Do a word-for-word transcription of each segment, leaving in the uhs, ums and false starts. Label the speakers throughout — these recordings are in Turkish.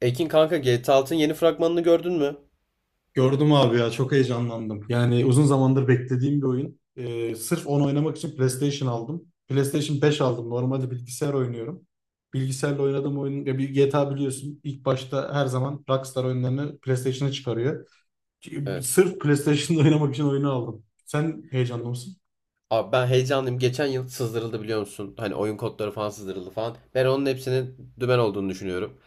Speaker 1: Ekin kanka G T A Altın'ın yeni fragmanını gördün mü?
Speaker 2: Gördüm abi ya çok heyecanlandım. Yani uzun zamandır beklediğim bir oyun. Ee, sırf onu oynamak için PlayStation aldım. PlayStation beş aldım. Normalde bilgisayar oynuyorum. Bilgisayarla oynadığım oyun ya bir G T A biliyorsun. İlk başta her zaman Rockstar oyunlarını PlayStation'a çıkarıyor.
Speaker 1: Evet.
Speaker 2: Sırf PlayStation'da oynamak için oyunu aldım. Sen heyecanlı mısın?
Speaker 1: Abi ben heyecanlıyım. Geçen yıl sızdırıldı biliyor musun? Hani oyun kodları falan sızdırıldı falan. Ben onun hepsinin dümen olduğunu düşünüyorum.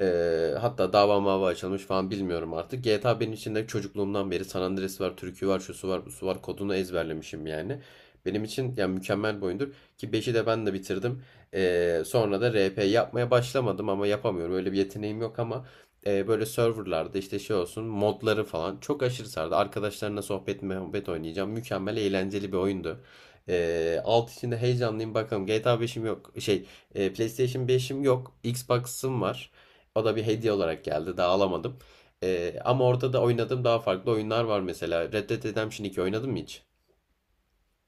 Speaker 1: Ee, hatta dava mava açılmış falan bilmiyorum artık. G T A benim için de çocukluğumdan beri San Andreas var, türkü var, şusu var, busu var. Kodunu ezberlemişim yani. Benim için yani mükemmel bir oyundur. Ki beşi de ben de bitirdim. Ee, sonra da R P yapmaya başlamadım ama yapamıyorum. Öyle bir yeteneğim yok ama e, böyle serverlarda işte şey olsun modları falan çok aşırı sardı. Arkadaşlarına sohbet muhabbet oynayacağım. Mükemmel eğlenceli bir oyundu. Ee, alt içinde heyecanlıyım bakalım. G T A beşim yok. Şey, e, PlayStation beşim yok. Xbox'ım var. O da bir hediye olarak geldi. Daha alamadım. Ee, ama orada da oynadığım daha farklı oyunlar var mesela. Red Dead Redemption iki oynadım mı hiç?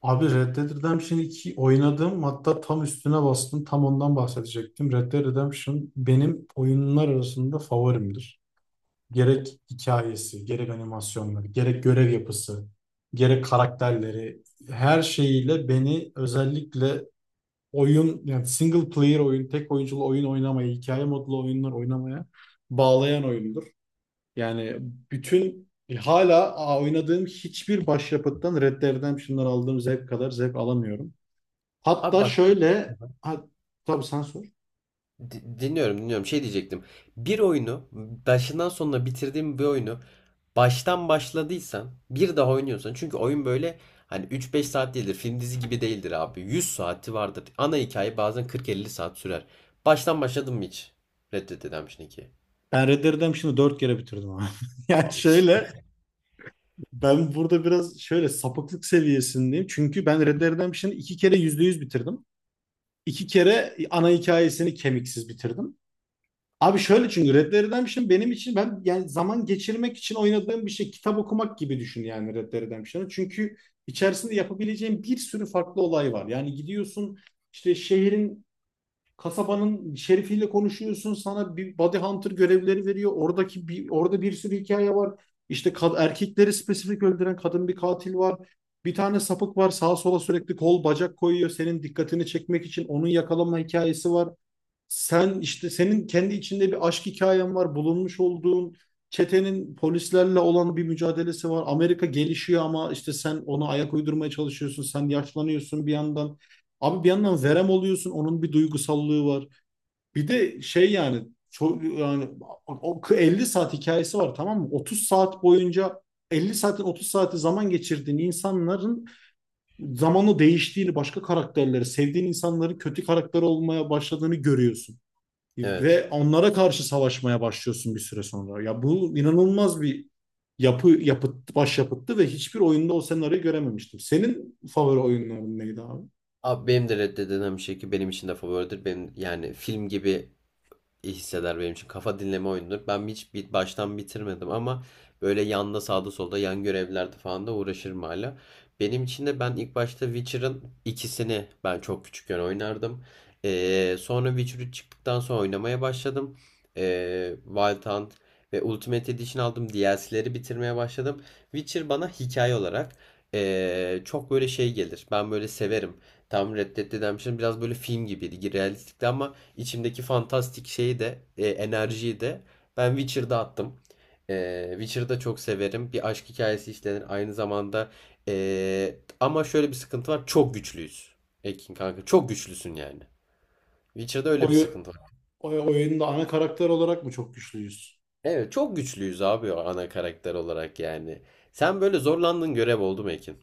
Speaker 2: Abi Red Dead Redemption iki oynadım. Hatta tam üstüne bastım. Tam ondan bahsedecektim. Red Dead Redemption benim oyunlar arasında favorimdir. Gerek hikayesi, gerek animasyonları, gerek görev yapısı, gerek karakterleri, her şeyiyle beni özellikle oyun yani single player oyun, tek oyunculu oyun oynamaya, hikaye modlu oyunlar oynamaya bağlayan oyundur. Yani bütün hala a- oynadığım hiçbir başyapıttan Red Dead Redemption'dan aldığım zevk kadar zevk alamıyorum.
Speaker 1: Abi
Speaker 2: Hatta
Speaker 1: bak.
Speaker 2: şöyle. Ha, tabii sen sor.
Speaker 1: Di- Dinliyorum, dinliyorum. Şey diyecektim. Bir oyunu başından sonuna bitirdiğim bir oyunu baştan başladıysan bir daha oynuyorsan çünkü oyun böyle hani üç beş saat değildir. Film dizi gibi değildir abi. Yüz saati vardır. Ana hikaye bazen kırk elli saat sürer. Baştan başladın mı hiç? Red Dead Redemption iki.
Speaker 2: Ben Red Dead Redemption'ı dört kere bitirdim abi. Yani
Speaker 1: Abi
Speaker 2: şöyle.
Speaker 1: süper.
Speaker 2: Ben burada biraz şöyle sapıklık seviyesindeyim. Çünkü ben Red Dead Redemption'ı iki kere yüzde yüz bitirdim. İki kere ana hikayesini kemiksiz bitirdim. Abi şöyle, çünkü Red Dead Redemption benim için ben yani zaman geçirmek için oynadığım bir şey. Kitap okumak gibi düşün yani Red Dead Redemption'ı. Çünkü içerisinde yapabileceğin bir sürü farklı olay var. Yani gidiyorsun işte şehrin, kasabanın şerifiyle konuşuyorsun. Sana bir body hunter görevleri veriyor. Oradaki bir, orada bir sürü hikaye var. İşte kad- erkekleri spesifik öldüren kadın bir katil var. Bir tane sapık var. Sağa sola sürekli kol bacak koyuyor. Senin dikkatini çekmek için onun yakalama hikayesi var. Sen işte senin kendi içinde bir aşk hikayen var, bulunmuş olduğun çetenin polislerle olan bir mücadelesi var. Amerika gelişiyor ama işte sen ona ayak uydurmaya çalışıyorsun. Sen yaşlanıyorsun bir yandan. Abi bir yandan verem oluyorsun. Onun bir duygusallığı var. Bir de şey yani çok yani o elli saat hikayesi var tamam mı? otuz saat boyunca, elli saatin otuz saati, zaman geçirdiğin insanların zamanla değiştiğini, başka karakterleri, sevdiğin insanların kötü karakter olmaya başladığını görüyorsun
Speaker 1: Evet.
Speaker 2: ve onlara karşı savaşmaya başlıyorsun bir süre sonra. Ya bu inanılmaz bir yapı yapıt başyapıttı ve hiçbir oyunda o senaryoyu görememiştim. Senin favori oyunların neydi abi?
Speaker 1: Abi benim de Red Dead Redemption iki benim için de favoridir. Benim yani film gibi iyi hisseder benim için. Kafa dinleme oyunudur. Ben hiç bir baştan bitirmedim ama böyle yanda sağda solda yan görevlerde falan da uğraşırım hala. Benim için de ben ilk başta Witcher'ın ikisini ben çok küçükken oynardım. Ee, sonra Witcher üç çıktıktan sonra oynamaya başladım. Ee, Wild Hunt ve Ultimate Edition aldım. D L C'leri bitirmeye başladım. Witcher bana hikaye olarak ee, çok böyle şey gelir. Ben böyle severim. Tam Red Dead Redemption biraz böyle film gibiydi. Realistikti ama İçimdeki fantastik şeyi de e, enerjiyi de ben Witcher'da attım. E, Witcher'da çok severim. Bir aşk hikayesi işlenir aynı zamanda. E, ama şöyle bir sıkıntı var. Çok güçlüyüz. Ekin kanka çok güçlüsün yani. Witcher'da öyle bir
Speaker 2: Oyu,
Speaker 1: sıkıntı var.
Speaker 2: oy- oyunda ana karakter olarak mı çok güçlüyüz?
Speaker 1: Evet çok güçlüyüz abi o ana karakter olarak yani. Sen böyle zorlandığın görev oldu mu Ekin?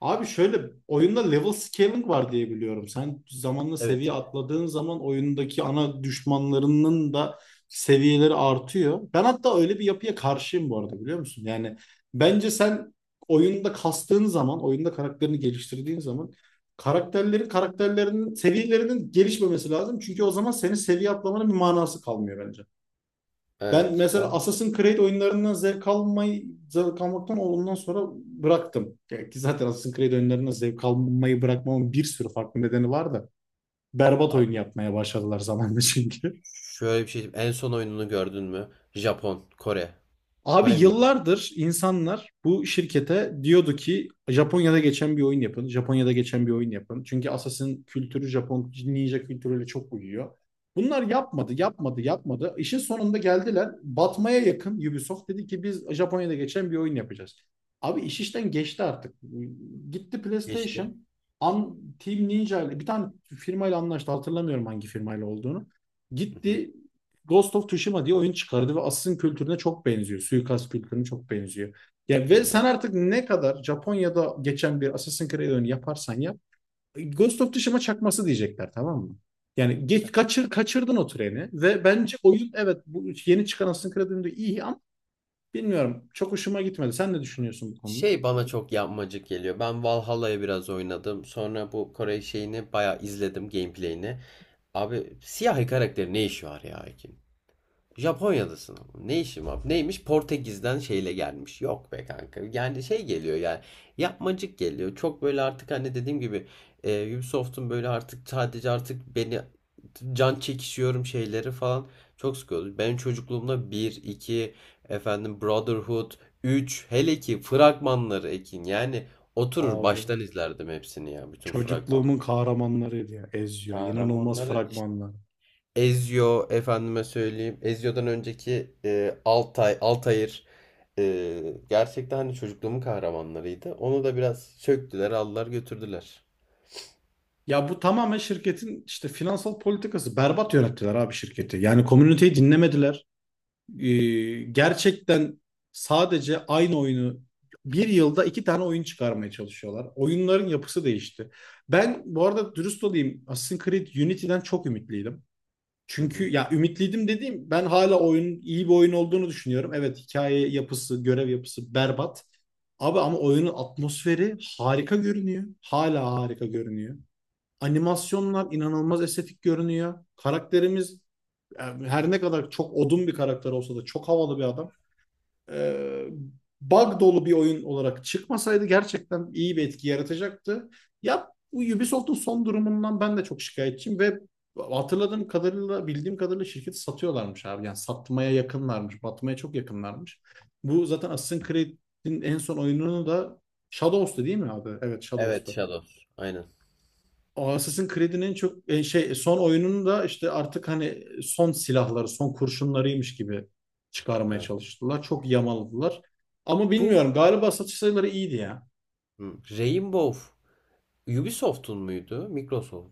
Speaker 2: Abi şöyle, oyunda level scaling var diye biliyorum. Sen zamanla
Speaker 1: Evet.
Speaker 2: seviye
Speaker 1: Evet.
Speaker 2: atladığın zaman oyundaki ana düşmanlarının da seviyeleri artıyor. Ben hatta öyle bir yapıya karşıyım bu arada, biliyor musun? Yani bence sen oyunda kastığın zaman, oyunda karakterini geliştirdiğin zaman karakterlerin karakterlerinin seviyelerinin gelişmemesi lazım. Çünkü o zaman senin seviye atlamanın bir manası kalmıyor bence. Ben
Speaker 1: Evet.
Speaker 2: mesela
Speaker 1: O...
Speaker 2: Assassin's Creed oyunlarından zevk almayı, zevk almaktan ondan sonra bıraktım. Ya ki zaten Assassin's Creed oyunlarından zevk almayı bırakmamın bir sürü farklı nedeni var da berbat oyun
Speaker 1: Abi
Speaker 2: yapmaya başladılar zamanla çünkü.
Speaker 1: şöyle bir şey. En son oyununu gördün mü? Japon, Kore.
Speaker 2: Abi
Speaker 1: Kore miydi?
Speaker 2: yıllardır insanlar bu şirkete diyordu ki Japonya'da geçen bir oyun yapın. Japonya'da geçen bir oyun yapın. Çünkü Assassin kültürü Japon ninja kültürüyle çok uyuyor. Bunlar yapmadı, yapmadı, yapmadı. İşin sonunda geldiler. Batmaya yakın Ubisoft dedi ki biz Japonya'da geçen bir oyun yapacağız. Abi iş işten geçti artık. Gitti
Speaker 1: Geçti.
Speaker 2: PlayStation. An, Team Ninja ile bir tane firmayla anlaştı. Hatırlamıyorum hangi firmayla olduğunu.
Speaker 1: Hı hı.
Speaker 2: Gitti Ghost of Tsushima diye oyun çıkardı ve Assassin kültürüne çok benziyor. Suikast kültürüne çok benziyor. Ya ve sen artık ne kadar Japonya'da geçen bir Assassin's Creed oyunu yaparsan yap, Ghost of Tsushima çakması diyecekler tamam mı? Yani geç, kaçır, kaçırdın o treni ve bence oyun, evet, bu yeni çıkan Assassin's Creed oyunu da iyi ama bilmiyorum, çok hoşuma gitmedi. Sen ne düşünüyorsun bu konuda?
Speaker 1: Şey bana çok yapmacık geliyor. Ben Valhalla'ya biraz oynadım. Sonra bu Kore şeyini bayağı izledim gameplay'ini. Abi siyahi karakterin ne işi var ya? Japonya'dasın. Ne işim var? Neymiş? Portekiz'den şeyle gelmiş. Yok be kanka. Yani şey geliyor yani. Yapmacık geliyor. Çok böyle artık hani dediğim gibi e, Ubisoft'un böyle artık sadece artık beni can çekişiyorum şeyleri falan çok sıkıyordu. Benim çocukluğumda bir, iki efendim Brotherhood, üç hele ki fragmanları Ekin. Yani oturur
Speaker 2: Abi
Speaker 1: baştan izlerdim hepsini ya. Bütün
Speaker 2: çocukluğumun
Speaker 1: fragmanları.
Speaker 2: kahramanlarıydı ya Ezio. İnanılmaz
Speaker 1: Kahramanları
Speaker 2: fragmanlar.
Speaker 1: Ezio efendime söyleyeyim. Ezio'dan önceki e, Altay, Altair e, gerçekten hani çocukluğumun kahramanlarıydı. Onu da biraz söktüler, aldılar, götürdüler.
Speaker 2: Ya bu tamamen şirketin işte finansal politikası. Berbat yönettiler abi şirketi. Yani komüniteyi dinlemediler. Ee, Gerçekten sadece aynı oyunu, bir yılda iki tane oyun çıkarmaya çalışıyorlar. Oyunların yapısı değişti. Ben bu arada dürüst olayım, Assassin's Creed Unity'den çok ümitliydim.
Speaker 1: Hı hı.
Speaker 2: Çünkü, ya ümitliydim dediğim, ben hala oyunun iyi bir oyun olduğunu düşünüyorum. Evet, hikaye yapısı, görev yapısı berbat. Abi ama oyunun atmosferi harika görünüyor. Hala harika görünüyor. Animasyonlar inanılmaz estetik görünüyor. Karakterimiz yani her ne kadar çok odun bir karakter olsa da çok havalı bir adam. Ee, Bug dolu bir oyun olarak çıkmasaydı gerçekten iyi bir etki yaratacaktı. Ya Ubisoft'un son durumundan ben de çok şikayetçiyim ve hatırladığım kadarıyla, bildiğim kadarıyla şirketi satıyorlarmış abi. Yani satmaya yakınlarmış, batmaya çok yakınlarmış. Bu zaten Assassin's Creed'in en son oyununu da, Shadows'tu değil mi abi? Evet Shadows,
Speaker 1: Evet, Shadows. Aynen.
Speaker 2: o Assassin's Creed'in çok e, şey son oyununu da işte artık hani son silahları, son kurşunlarıymış gibi çıkarmaya
Speaker 1: Evet.
Speaker 2: çalıştılar. Çok yamaladılar. Ama
Speaker 1: Bu
Speaker 2: bilmiyorum, galiba satış sayıları iyiydi ya.
Speaker 1: hı, Rainbow Ubisoft'un muydu? Microsoft.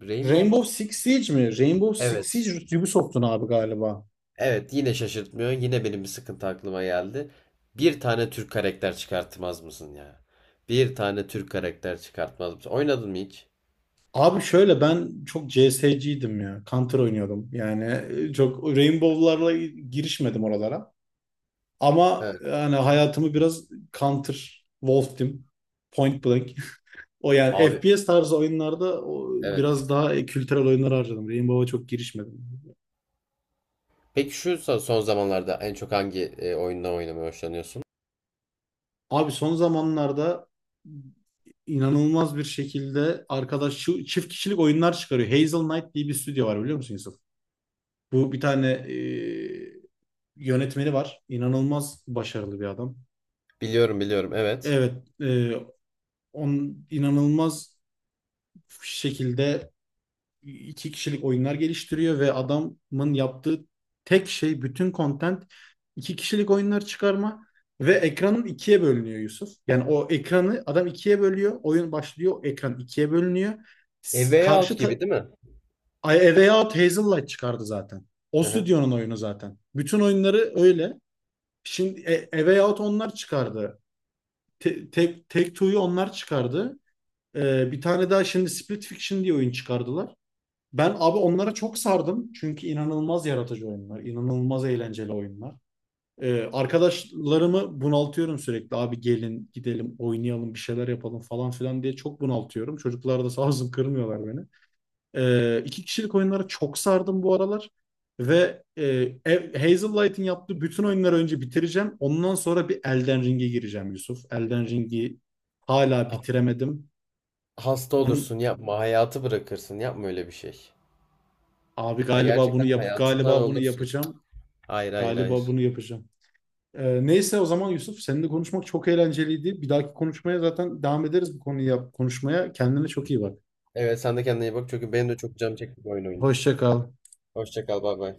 Speaker 1: Rainbow
Speaker 2: Rainbow
Speaker 1: ha-
Speaker 2: Six Siege mi? Rainbow Six
Speaker 1: Evet.
Speaker 2: Siege Ubisoft'un abi galiba.
Speaker 1: Evet, yine şaşırtmıyor. Yine benim bir sıkıntı aklıma geldi. Bir tane Türk karakter çıkartmaz mısın ya? Bir tane Türk karakter çıkartmaz mısın? Oynadın mı hiç?
Speaker 2: Abi şöyle, ben çok C S'ciydim ya. Counter oynuyordum. Yani e, çok Rainbow'larla girişmedim oralara. Ama
Speaker 1: Evet.
Speaker 2: yani hayatımı biraz Counter, Wolf Team, Point Blank, o yani
Speaker 1: Abi
Speaker 2: F P S tarzı oyunlarda, o
Speaker 1: evet.
Speaker 2: biraz daha e, kültürel oyunlar harcadım. Rainbow'a çok girişmedim.
Speaker 1: Peki şu so- son zamanlarda en çok hangi e, oyundan oynamayı hoşlanıyorsun?
Speaker 2: Abi son zamanlarda inanılmaz bir şekilde arkadaş şu çift kişilik oyunlar çıkarıyor. Hazel Knight diye bir stüdyo var, biliyor musun Yusuf? Bu, bir tane e, yönetmeni var. İnanılmaz başarılı bir adam.
Speaker 1: Biliyorum biliyorum evet.
Speaker 2: Evet, e, on inanılmaz şekilde iki kişilik oyunlar geliştiriyor ve adamın yaptığı tek şey bütün content iki kişilik oyunlar çıkarma. Ve ekranın ikiye bölünüyor Yusuf. Yani o ekranı adam ikiye bölüyor. Oyun başlıyor. Ekran ikiye bölünüyor.
Speaker 1: A
Speaker 2: S-
Speaker 1: Way Out
Speaker 2: Karşı ta-
Speaker 1: gibi değil mi?
Speaker 2: A Way Out Hazellight çıkardı zaten. O
Speaker 1: Hı hı.
Speaker 2: stüdyonun oyunu zaten. Bütün oyunları öyle. Şimdi A A Way Out onlar çıkardı. Te- Take, Take Two'yu onlar çıkardı. Ee, bir tane daha şimdi Split Fiction diye oyun çıkardılar. Ben abi onlara çok sardım. Çünkü inanılmaz yaratıcı oyunlar, inanılmaz eğlenceli oyunlar. Ee, arkadaşlarımı bunaltıyorum sürekli. Abi gelin gidelim oynayalım bir şeyler yapalım falan filan diye çok bunaltıyorum. Çocuklar da sağ olsun kırmıyorlar beni. Ee, iki kişilik oyunlara çok sardım bu aralar. Ve e, Hazel Light'in yaptığı bütün oyunları önce bitireceğim. Ondan sonra bir Elden Ring'e gireceğim Yusuf. Elden Ring'i hala
Speaker 1: Ha-
Speaker 2: bitiremedim.
Speaker 1: Hasta
Speaker 2: Onun,
Speaker 1: olursun yapma hayatı bırakırsın yapma öyle bir şey.
Speaker 2: abi
Speaker 1: Ya
Speaker 2: galiba bunu
Speaker 1: gerçekten
Speaker 2: yap
Speaker 1: hayatından
Speaker 2: galiba bunu
Speaker 1: olursun.
Speaker 2: yapacağım.
Speaker 1: Hayır hayır hayır.
Speaker 2: Galiba bunu yapacağım. Ee, neyse o zaman Yusuf, seninle konuşmak çok eğlenceliydi. Bir dahaki konuşmaya zaten devam ederiz bu konuyu yap- konuşmaya. Kendine çok iyi bak.
Speaker 1: Evet sen de kendine iyi bak çünkü benim de çok canım çekti bu oyun oynayayım.
Speaker 2: Hoşça kal.
Speaker 1: Hoşça kal bay bay.